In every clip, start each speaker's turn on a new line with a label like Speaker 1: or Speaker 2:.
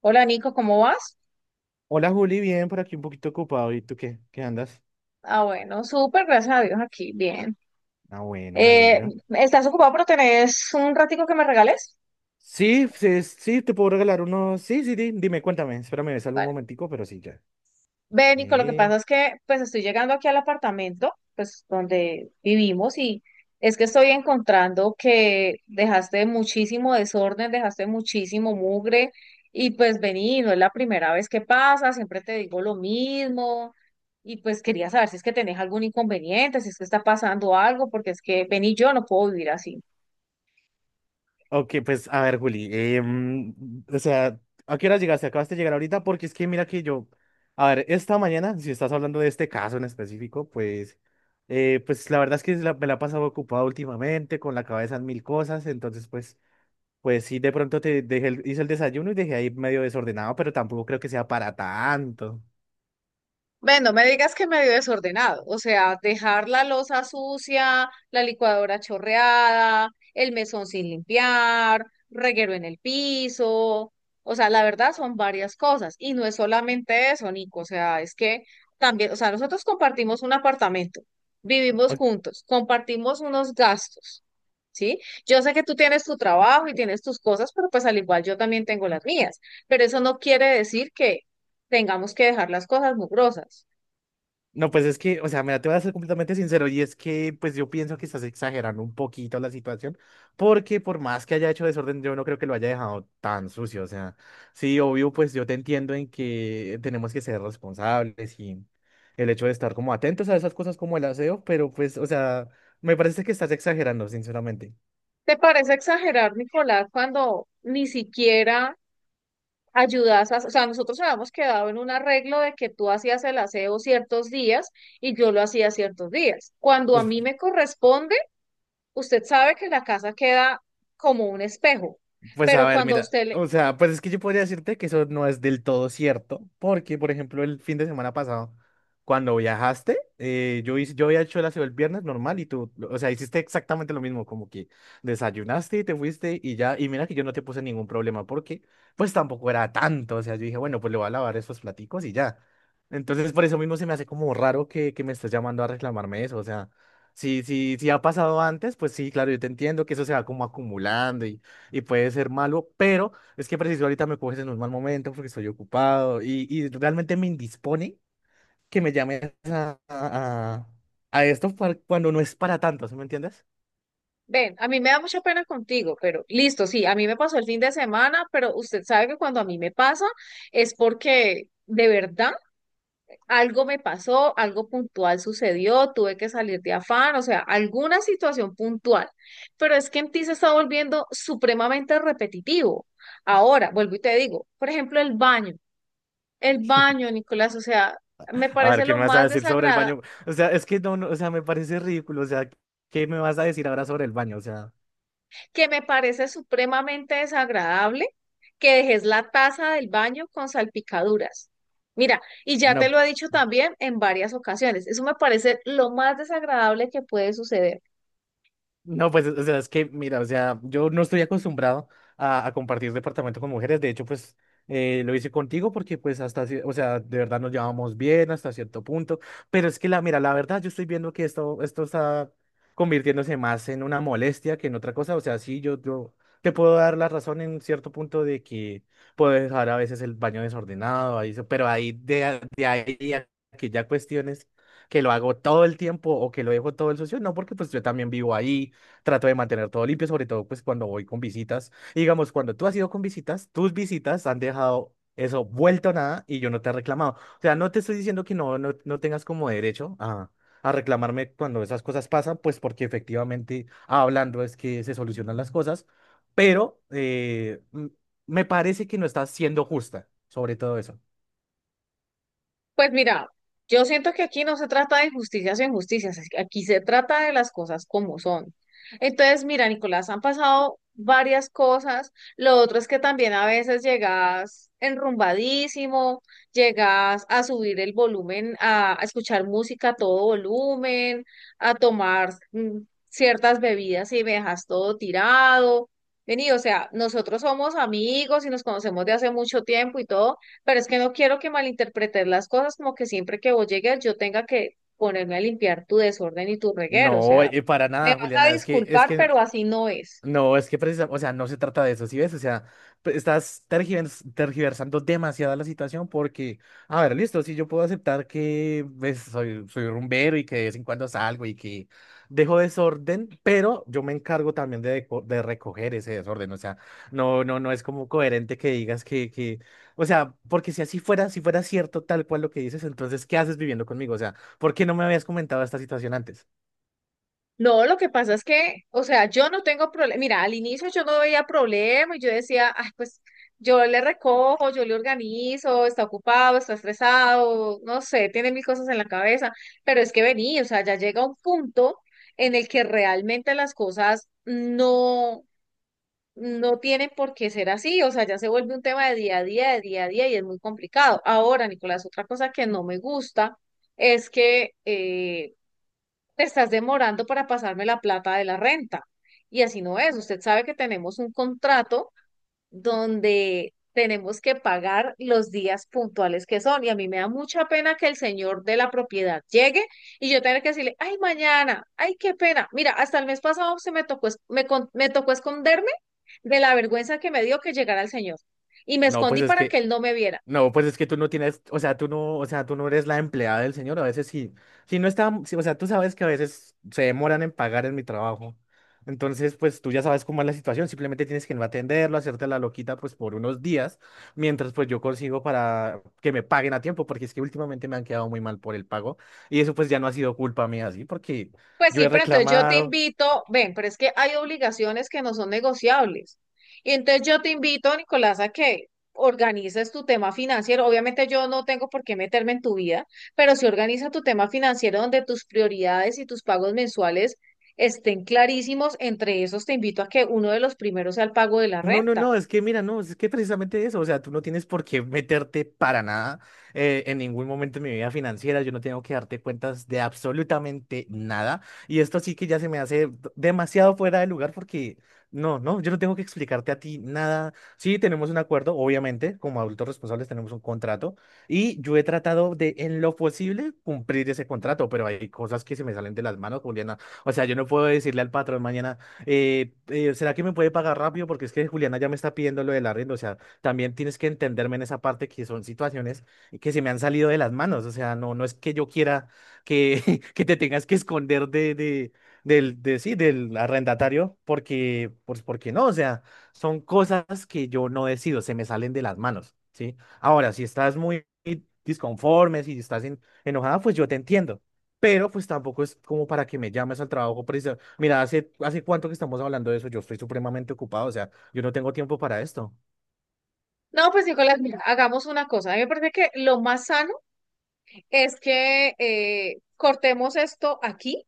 Speaker 1: Hola Nico, ¿cómo vas?
Speaker 2: Hola Juli, bien, por aquí un poquito ocupado. ¿Y tú qué? ¿Qué andas?
Speaker 1: Ah, bueno, súper, gracias a Dios aquí, bien.
Speaker 2: Ah, bueno, me
Speaker 1: Eh,
Speaker 2: alegra.
Speaker 1: ¿Estás ocupado pero tenés un ratico que me regales?
Speaker 2: Sí, sí, sí, te puedo regalar uno. Sí, sí, dime, cuéntame. Espérame, ves algún
Speaker 1: Vale.
Speaker 2: momentico, pero sí, ya.
Speaker 1: Ve, Nico, lo que
Speaker 2: Eh,
Speaker 1: pasa es que pues estoy llegando aquí al apartamento, pues donde vivimos y es que estoy encontrando que dejaste muchísimo desorden, dejaste muchísimo mugre y pues vení, no es la primera vez que pasa, siempre te digo lo mismo. Y pues quería saber si es que tenés algún inconveniente, si es que está pasando algo, porque es que vení, yo no puedo vivir así.
Speaker 2: Ok, pues a ver, Juli. O sea, ¿a qué hora llegaste? ¿Acabaste de llegar ahorita? Porque es que mira que yo. A ver, esta mañana, si estás hablando de este caso en específico, pues. Pues la verdad es que me la he pasado ocupado últimamente, con la cabeza en mil cosas. Entonces, pues. Pues sí, de pronto te dejé hice el desayuno y dejé ahí medio desordenado, pero tampoco creo que sea para tanto.
Speaker 1: Bueno, no me digas que medio desordenado, o sea, dejar la loza sucia, la licuadora chorreada, el mesón sin limpiar, reguero en el piso, o sea, la verdad son varias cosas y no es solamente eso, Nico, o sea, es que también, o sea, nosotros compartimos un apartamento, vivimos
Speaker 2: O-
Speaker 1: juntos, compartimos unos gastos, ¿sí? Yo sé que tú tienes tu trabajo y tienes tus cosas, pero pues al igual yo también tengo las mías, pero eso no quiere decir que tengamos que dejar las cosas mugrosas.
Speaker 2: No, pues es que, o sea, mira, te voy a ser completamente sincero y es que, pues yo pienso que estás exagerando un poquito la situación, porque por más que haya hecho desorden, yo no creo que lo haya dejado tan sucio. O sea, sí, obvio, pues yo te entiendo en que tenemos que ser responsables y el hecho de estar como atentos a esas cosas como el aseo, pero pues, o sea, me parece que estás exagerando, sinceramente.
Speaker 1: ¿Te parece exagerar, Nicolás, cuando ni siquiera ayudas a... O sea, nosotros habíamos quedado en un arreglo de que tú hacías el aseo ciertos días y yo lo hacía ciertos días. Cuando a mí me corresponde, usted sabe que la casa queda como un espejo,
Speaker 2: Pues a
Speaker 1: pero
Speaker 2: ver,
Speaker 1: cuando a
Speaker 2: mira,
Speaker 1: usted le...
Speaker 2: o sea, pues es que yo podría decirte que eso no es del todo cierto, porque, por ejemplo, el fin de semana pasado, cuando viajaste, yo hice, yo había hecho el aseo el viernes normal y tú, o sea, hiciste exactamente lo mismo, como que desayunaste y te fuiste y ya, y mira que yo no te puse ningún problema, porque pues tampoco era tanto, o sea, yo dije, bueno, pues le voy a lavar esos platicos y ya. Entonces, por eso mismo se me hace como raro que, me estés llamando a reclamarme eso, o sea, si, si ha pasado antes, pues sí, claro, yo te entiendo que eso se va como acumulando y puede ser malo, pero es que preciso ahorita me coges en un mal momento porque estoy ocupado y realmente me indispone que me llames a esto para- cuando no es para tanto, ¿sí me entiendes?
Speaker 1: Ven, a mí me da mucha pena contigo, pero listo, sí, a mí me pasó el fin de semana, pero usted sabe que cuando a mí me pasa es porque... De verdad, algo me pasó, algo puntual sucedió, tuve que salir de afán, o sea, alguna situación puntual. Pero es que en ti se está volviendo supremamente repetitivo. Ahora, vuelvo y te digo, por ejemplo, el baño. El baño, Nicolás, o sea, me
Speaker 2: A ver,
Speaker 1: parece
Speaker 2: ¿qué
Speaker 1: lo
Speaker 2: me vas a
Speaker 1: más
Speaker 2: decir sobre el
Speaker 1: desagradable,
Speaker 2: baño? O sea, es que no, no, o sea, me parece ridículo, o sea, ¿qué me vas a decir ahora sobre el baño? O sea,
Speaker 1: que me parece supremamente desagradable que dejes la taza del baño con salpicaduras. Mira, y ya te
Speaker 2: no.
Speaker 1: lo he dicho también en varias ocasiones, eso me parece lo más desagradable que puede suceder.
Speaker 2: No, pues, o sea, es que, mira, o sea, yo no estoy acostumbrado a compartir departamento con mujeres. De hecho, pues, lo hice contigo porque, pues, hasta, o sea, de verdad nos llevamos bien hasta cierto punto. Pero es que, la, mira, la verdad, yo estoy viendo que esto está convirtiéndose más en una molestia que en otra cosa. O sea, sí, yo te puedo dar la razón en cierto punto de que puedo dejar a veces el baño desordenado, ahí, eso, pero ahí, de ahí a que ya cuestiones que lo hago todo el tiempo o que lo dejo todo el socio, no, porque, pues, yo también vivo ahí. Trato de mantener todo limpio, sobre todo pues cuando voy con visitas. Y digamos, cuando tú has ido con visitas, tus visitas han dejado eso vuelto a nada y yo no te he reclamado. O sea, no te estoy diciendo que no, no, no tengas como derecho a reclamarme cuando esas cosas pasan, pues porque efectivamente hablando es que se solucionan las cosas, pero me parece que no estás siendo justa sobre todo eso.
Speaker 1: Pues mira, yo siento que aquí no se trata de injusticias o injusticias, es que aquí se trata de las cosas como son. Entonces, mira, Nicolás, han pasado varias cosas. Lo otro es que también a veces llegas enrumbadísimo, llegas a subir el volumen, a escuchar música a todo volumen, a tomar ciertas bebidas y me dejas todo tirado. Vení, o sea, nosotros somos amigos y nos conocemos de hace mucho tiempo y todo, pero es que no quiero que malinterpretes las cosas como que siempre que vos llegues yo tenga que ponerme a limpiar tu desorden y tu reguero. O
Speaker 2: No,
Speaker 1: sea,
Speaker 2: para
Speaker 1: me
Speaker 2: nada,
Speaker 1: vas a
Speaker 2: Juliana, es
Speaker 1: disculpar,
Speaker 2: que...
Speaker 1: pero así no es.
Speaker 2: No, es que precisamente, o sea, no se trata de eso, ¿sí ves? O sea, estás tergiversando demasiado la situación porque, a ver, listo, si yo puedo aceptar que ves soy, soy rumbero y que de vez en cuando salgo y que dejo desorden, pero yo me encargo también de recoger ese desorden, o sea, no, no, no es como coherente que digas que, o sea, porque si así fuera, si fuera cierto tal cual lo que dices, entonces, ¿qué haces viviendo conmigo? O sea, ¿por qué no me habías comentado esta situación antes?
Speaker 1: No, lo que pasa es que, o sea, yo no tengo problema. Mira, al inicio yo no veía problema y yo decía, ay, pues yo le recojo, yo le organizo, está ocupado, está estresado, no sé, tiene mil cosas en la cabeza. Pero es que vení, o sea, ya llega un punto en el que realmente las cosas no. no tienen por qué ser así, o sea, ya se vuelve un tema de día a día, de día a día y es muy complicado. Ahora, Nicolás, otra cosa que no me gusta es que te estás demorando para pasarme la plata de la renta y así no es. Usted sabe que tenemos un contrato donde tenemos que pagar los días puntuales que son. Y a mí me da mucha pena que el señor de la propiedad llegue y yo tenga que decirle, ay, mañana, ay, qué pena. Mira, hasta el mes pasado se me tocó, me tocó esconderme de la vergüenza que me dio que llegara el señor. Y me
Speaker 2: No, pues
Speaker 1: escondí
Speaker 2: es
Speaker 1: para
Speaker 2: que.
Speaker 1: que él no me viera.
Speaker 2: No, pues es que tú no tienes, o sea, tú no, o sea, tú no eres la empleada del señor, a veces sí, si no está, sí, o sea, tú sabes que a veces se demoran en pagar en mi trabajo. Entonces, pues tú ya sabes cómo es la situación, simplemente tienes que no atenderlo, hacerte la loquita pues por unos días, mientras pues yo consigo para que me paguen a tiempo, porque es que últimamente me han quedado muy mal por el pago y eso pues ya no ha sido culpa mía, así, porque
Speaker 1: Pues
Speaker 2: yo
Speaker 1: sí,
Speaker 2: he
Speaker 1: pero entonces yo te
Speaker 2: reclamado.
Speaker 1: invito, ven, pero es que hay obligaciones que no son negociables. Y entonces yo te invito, Nicolás, a que organices tu tema financiero. Obviamente yo no tengo por qué meterme en tu vida, pero sí organiza tu tema financiero donde tus prioridades y tus pagos mensuales estén clarísimos. Entre esos te invito a que uno de los primeros sea el pago de la
Speaker 2: No, no,
Speaker 1: renta.
Speaker 2: no, es que mira, no, es que precisamente eso, o sea, tú no tienes por qué meterte para nada en ningún momento de mi vida financiera, yo no tengo que darte cuentas de absolutamente nada, y esto sí que ya se me hace demasiado fuera de lugar porque, no, no, yo no tengo que explicarte a ti nada, sí, tenemos un acuerdo, obviamente, como adultos responsables tenemos un contrato, y yo he tratado de, en lo posible, cumplir ese contrato, pero hay cosas que se me salen de las manos, Juliana, o sea, yo no puedo decirle al patrón mañana ¿será que me puede pagar rápido? Porque es que Juliana ya me está pidiendo lo del arriendo. O sea, también tienes que entenderme en esa parte que son situaciones que se me han salido de las manos. O sea, no, no es que yo quiera que, que te tengas que esconder de, de, sí, del arrendatario, porque, pues, porque no. O sea, son cosas que yo no decido, se me salen de las manos, ¿sí? Ahora, si estás muy disconforme, si estás enojada, pues yo te entiendo. Pero pues tampoco es como para que me llames al trabajo preci- Mira, hace, hace cuánto que estamos hablando de eso, yo estoy supremamente ocupado, o sea, yo no tengo tiempo para esto.
Speaker 1: No, pues Nicolás, mira, hagamos una cosa. A mí me parece que lo más sano es que cortemos esto aquí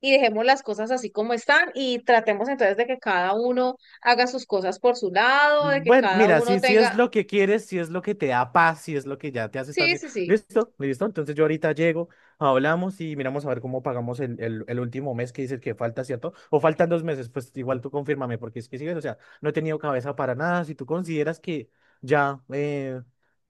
Speaker 1: y dejemos las cosas así como están y tratemos entonces de que cada uno haga sus cosas por su lado, de
Speaker 2: Mm,
Speaker 1: que
Speaker 2: bueno,
Speaker 1: cada
Speaker 2: mira,
Speaker 1: uno
Speaker 2: si, si es
Speaker 1: tenga,
Speaker 2: lo que quieres, si es lo que te da paz, si es lo que ya te hace estar
Speaker 1: sí,
Speaker 2: bien.
Speaker 1: sí, sí.
Speaker 2: Listo, listo. Entonces yo ahorita llego, hablamos y miramos a ver cómo pagamos el último mes que dices que falta, ¿cierto? O faltan dos meses, pues igual tú confírmame, porque es que sigues, o sea, no he tenido cabeza para nada. Si tú consideras que ya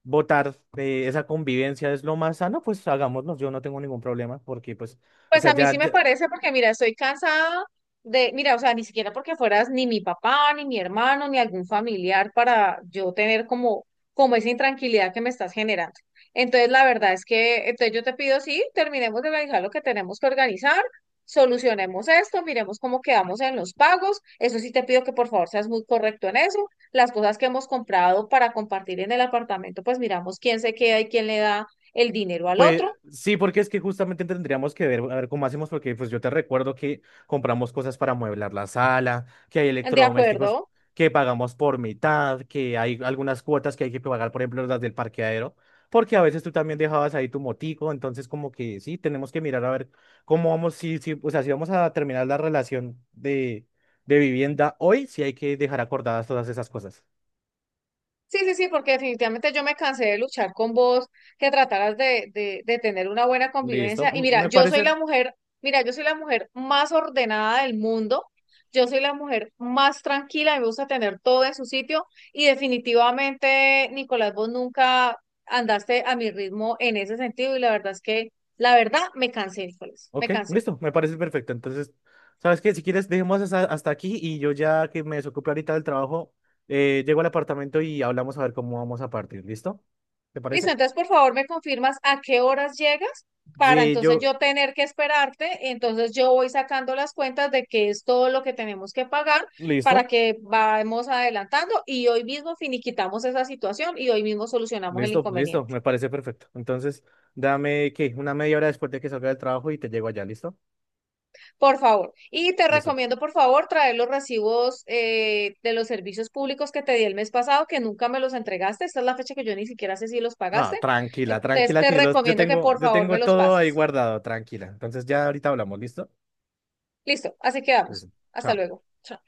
Speaker 2: votar esa convivencia es lo más sano, pues hagámoslo, yo no tengo ningún problema, porque pues... O
Speaker 1: Pues
Speaker 2: sea,
Speaker 1: a mí sí
Speaker 2: ya,
Speaker 1: me
Speaker 2: ya-
Speaker 1: parece porque, mira, estoy cansada de, mira, o sea, ni siquiera porque fueras ni mi papá, ni mi hermano, ni algún familiar para yo tener como, como esa intranquilidad que me estás generando. Entonces, la verdad es que, entonces yo te pido, sí, terminemos de organizar lo que tenemos que organizar, solucionemos esto, miremos cómo quedamos en los pagos. Eso sí te pido que por favor seas muy correcto en eso. Las cosas que hemos comprado para compartir en el apartamento, pues miramos quién se queda y quién le da el dinero al
Speaker 2: Pues
Speaker 1: otro.
Speaker 2: sí, porque es que justamente tendríamos que ver, a ver cómo hacemos, porque pues yo te recuerdo que compramos cosas para amueblar la sala, que hay
Speaker 1: ¿De
Speaker 2: electrodomésticos
Speaker 1: acuerdo?
Speaker 2: que pagamos por mitad, que hay algunas cuotas que hay que pagar, por ejemplo, las del parqueadero, porque a veces tú también dejabas ahí tu motico, entonces como que sí, tenemos que mirar a ver cómo vamos, si, si, o sea, si vamos a terminar la relación de vivienda hoy, sí hay que dejar acordadas todas esas cosas.
Speaker 1: Sí, sí, sí, porque definitivamente yo me cansé de luchar con vos, que trataras de, de tener una buena convivencia.
Speaker 2: Listo,
Speaker 1: Y mira,
Speaker 2: me
Speaker 1: yo soy
Speaker 2: parece.
Speaker 1: la mujer, mira, yo soy la mujer más ordenada del mundo, yo soy la mujer más tranquila, me gusta tener todo en su sitio y definitivamente, Nicolás, vos nunca andaste a mi ritmo en ese sentido y la verdad es que, la verdad, me cansé, Nicolás, me
Speaker 2: Ok,
Speaker 1: cansé.
Speaker 2: listo, me parece perfecto. Entonces, ¿sabes qué? Si quieres, dejemos hasta, hasta aquí y yo ya que me desocupe ahorita del trabajo, llego al apartamento y hablamos a ver cómo vamos a partir. ¿Listo? ¿Te
Speaker 1: Listo,
Speaker 2: parece?
Speaker 1: entonces por favor me confirmas a qué horas llegas para
Speaker 2: Sí,
Speaker 1: entonces
Speaker 2: yo,
Speaker 1: yo tener que esperarte. Entonces yo voy sacando las cuentas de qué es todo lo que tenemos que pagar para
Speaker 2: listo,
Speaker 1: que vayamos adelantando y hoy mismo finiquitamos esa situación y hoy mismo solucionamos el
Speaker 2: listo, listo,
Speaker 1: inconveniente.
Speaker 2: me parece perfecto. Entonces, dame, ¿qué? Una media hora después de que salga del trabajo y te llego allá, ¿listo?
Speaker 1: Por favor. Y te
Speaker 2: Listo.
Speaker 1: recomiendo por favor traer los recibos de los servicios públicos que te di el mes pasado, que nunca me los entregaste. Esta es la fecha que yo ni siquiera sé si los
Speaker 2: Ah,
Speaker 1: pagaste.
Speaker 2: tranquila,
Speaker 1: Entonces
Speaker 2: tranquila,
Speaker 1: te
Speaker 2: que yo,
Speaker 1: recomiendo que por
Speaker 2: yo
Speaker 1: favor me
Speaker 2: tengo
Speaker 1: los
Speaker 2: todo ahí
Speaker 1: pases.
Speaker 2: guardado, tranquila. Entonces, ya ahorita hablamos, ¿listo?
Speaker 1: Listo, así quedamos.
Speaker 2: Listo.
Speaker 1: Hasta
Speaker 2: Chao.
Speaker 1: luego. Chao.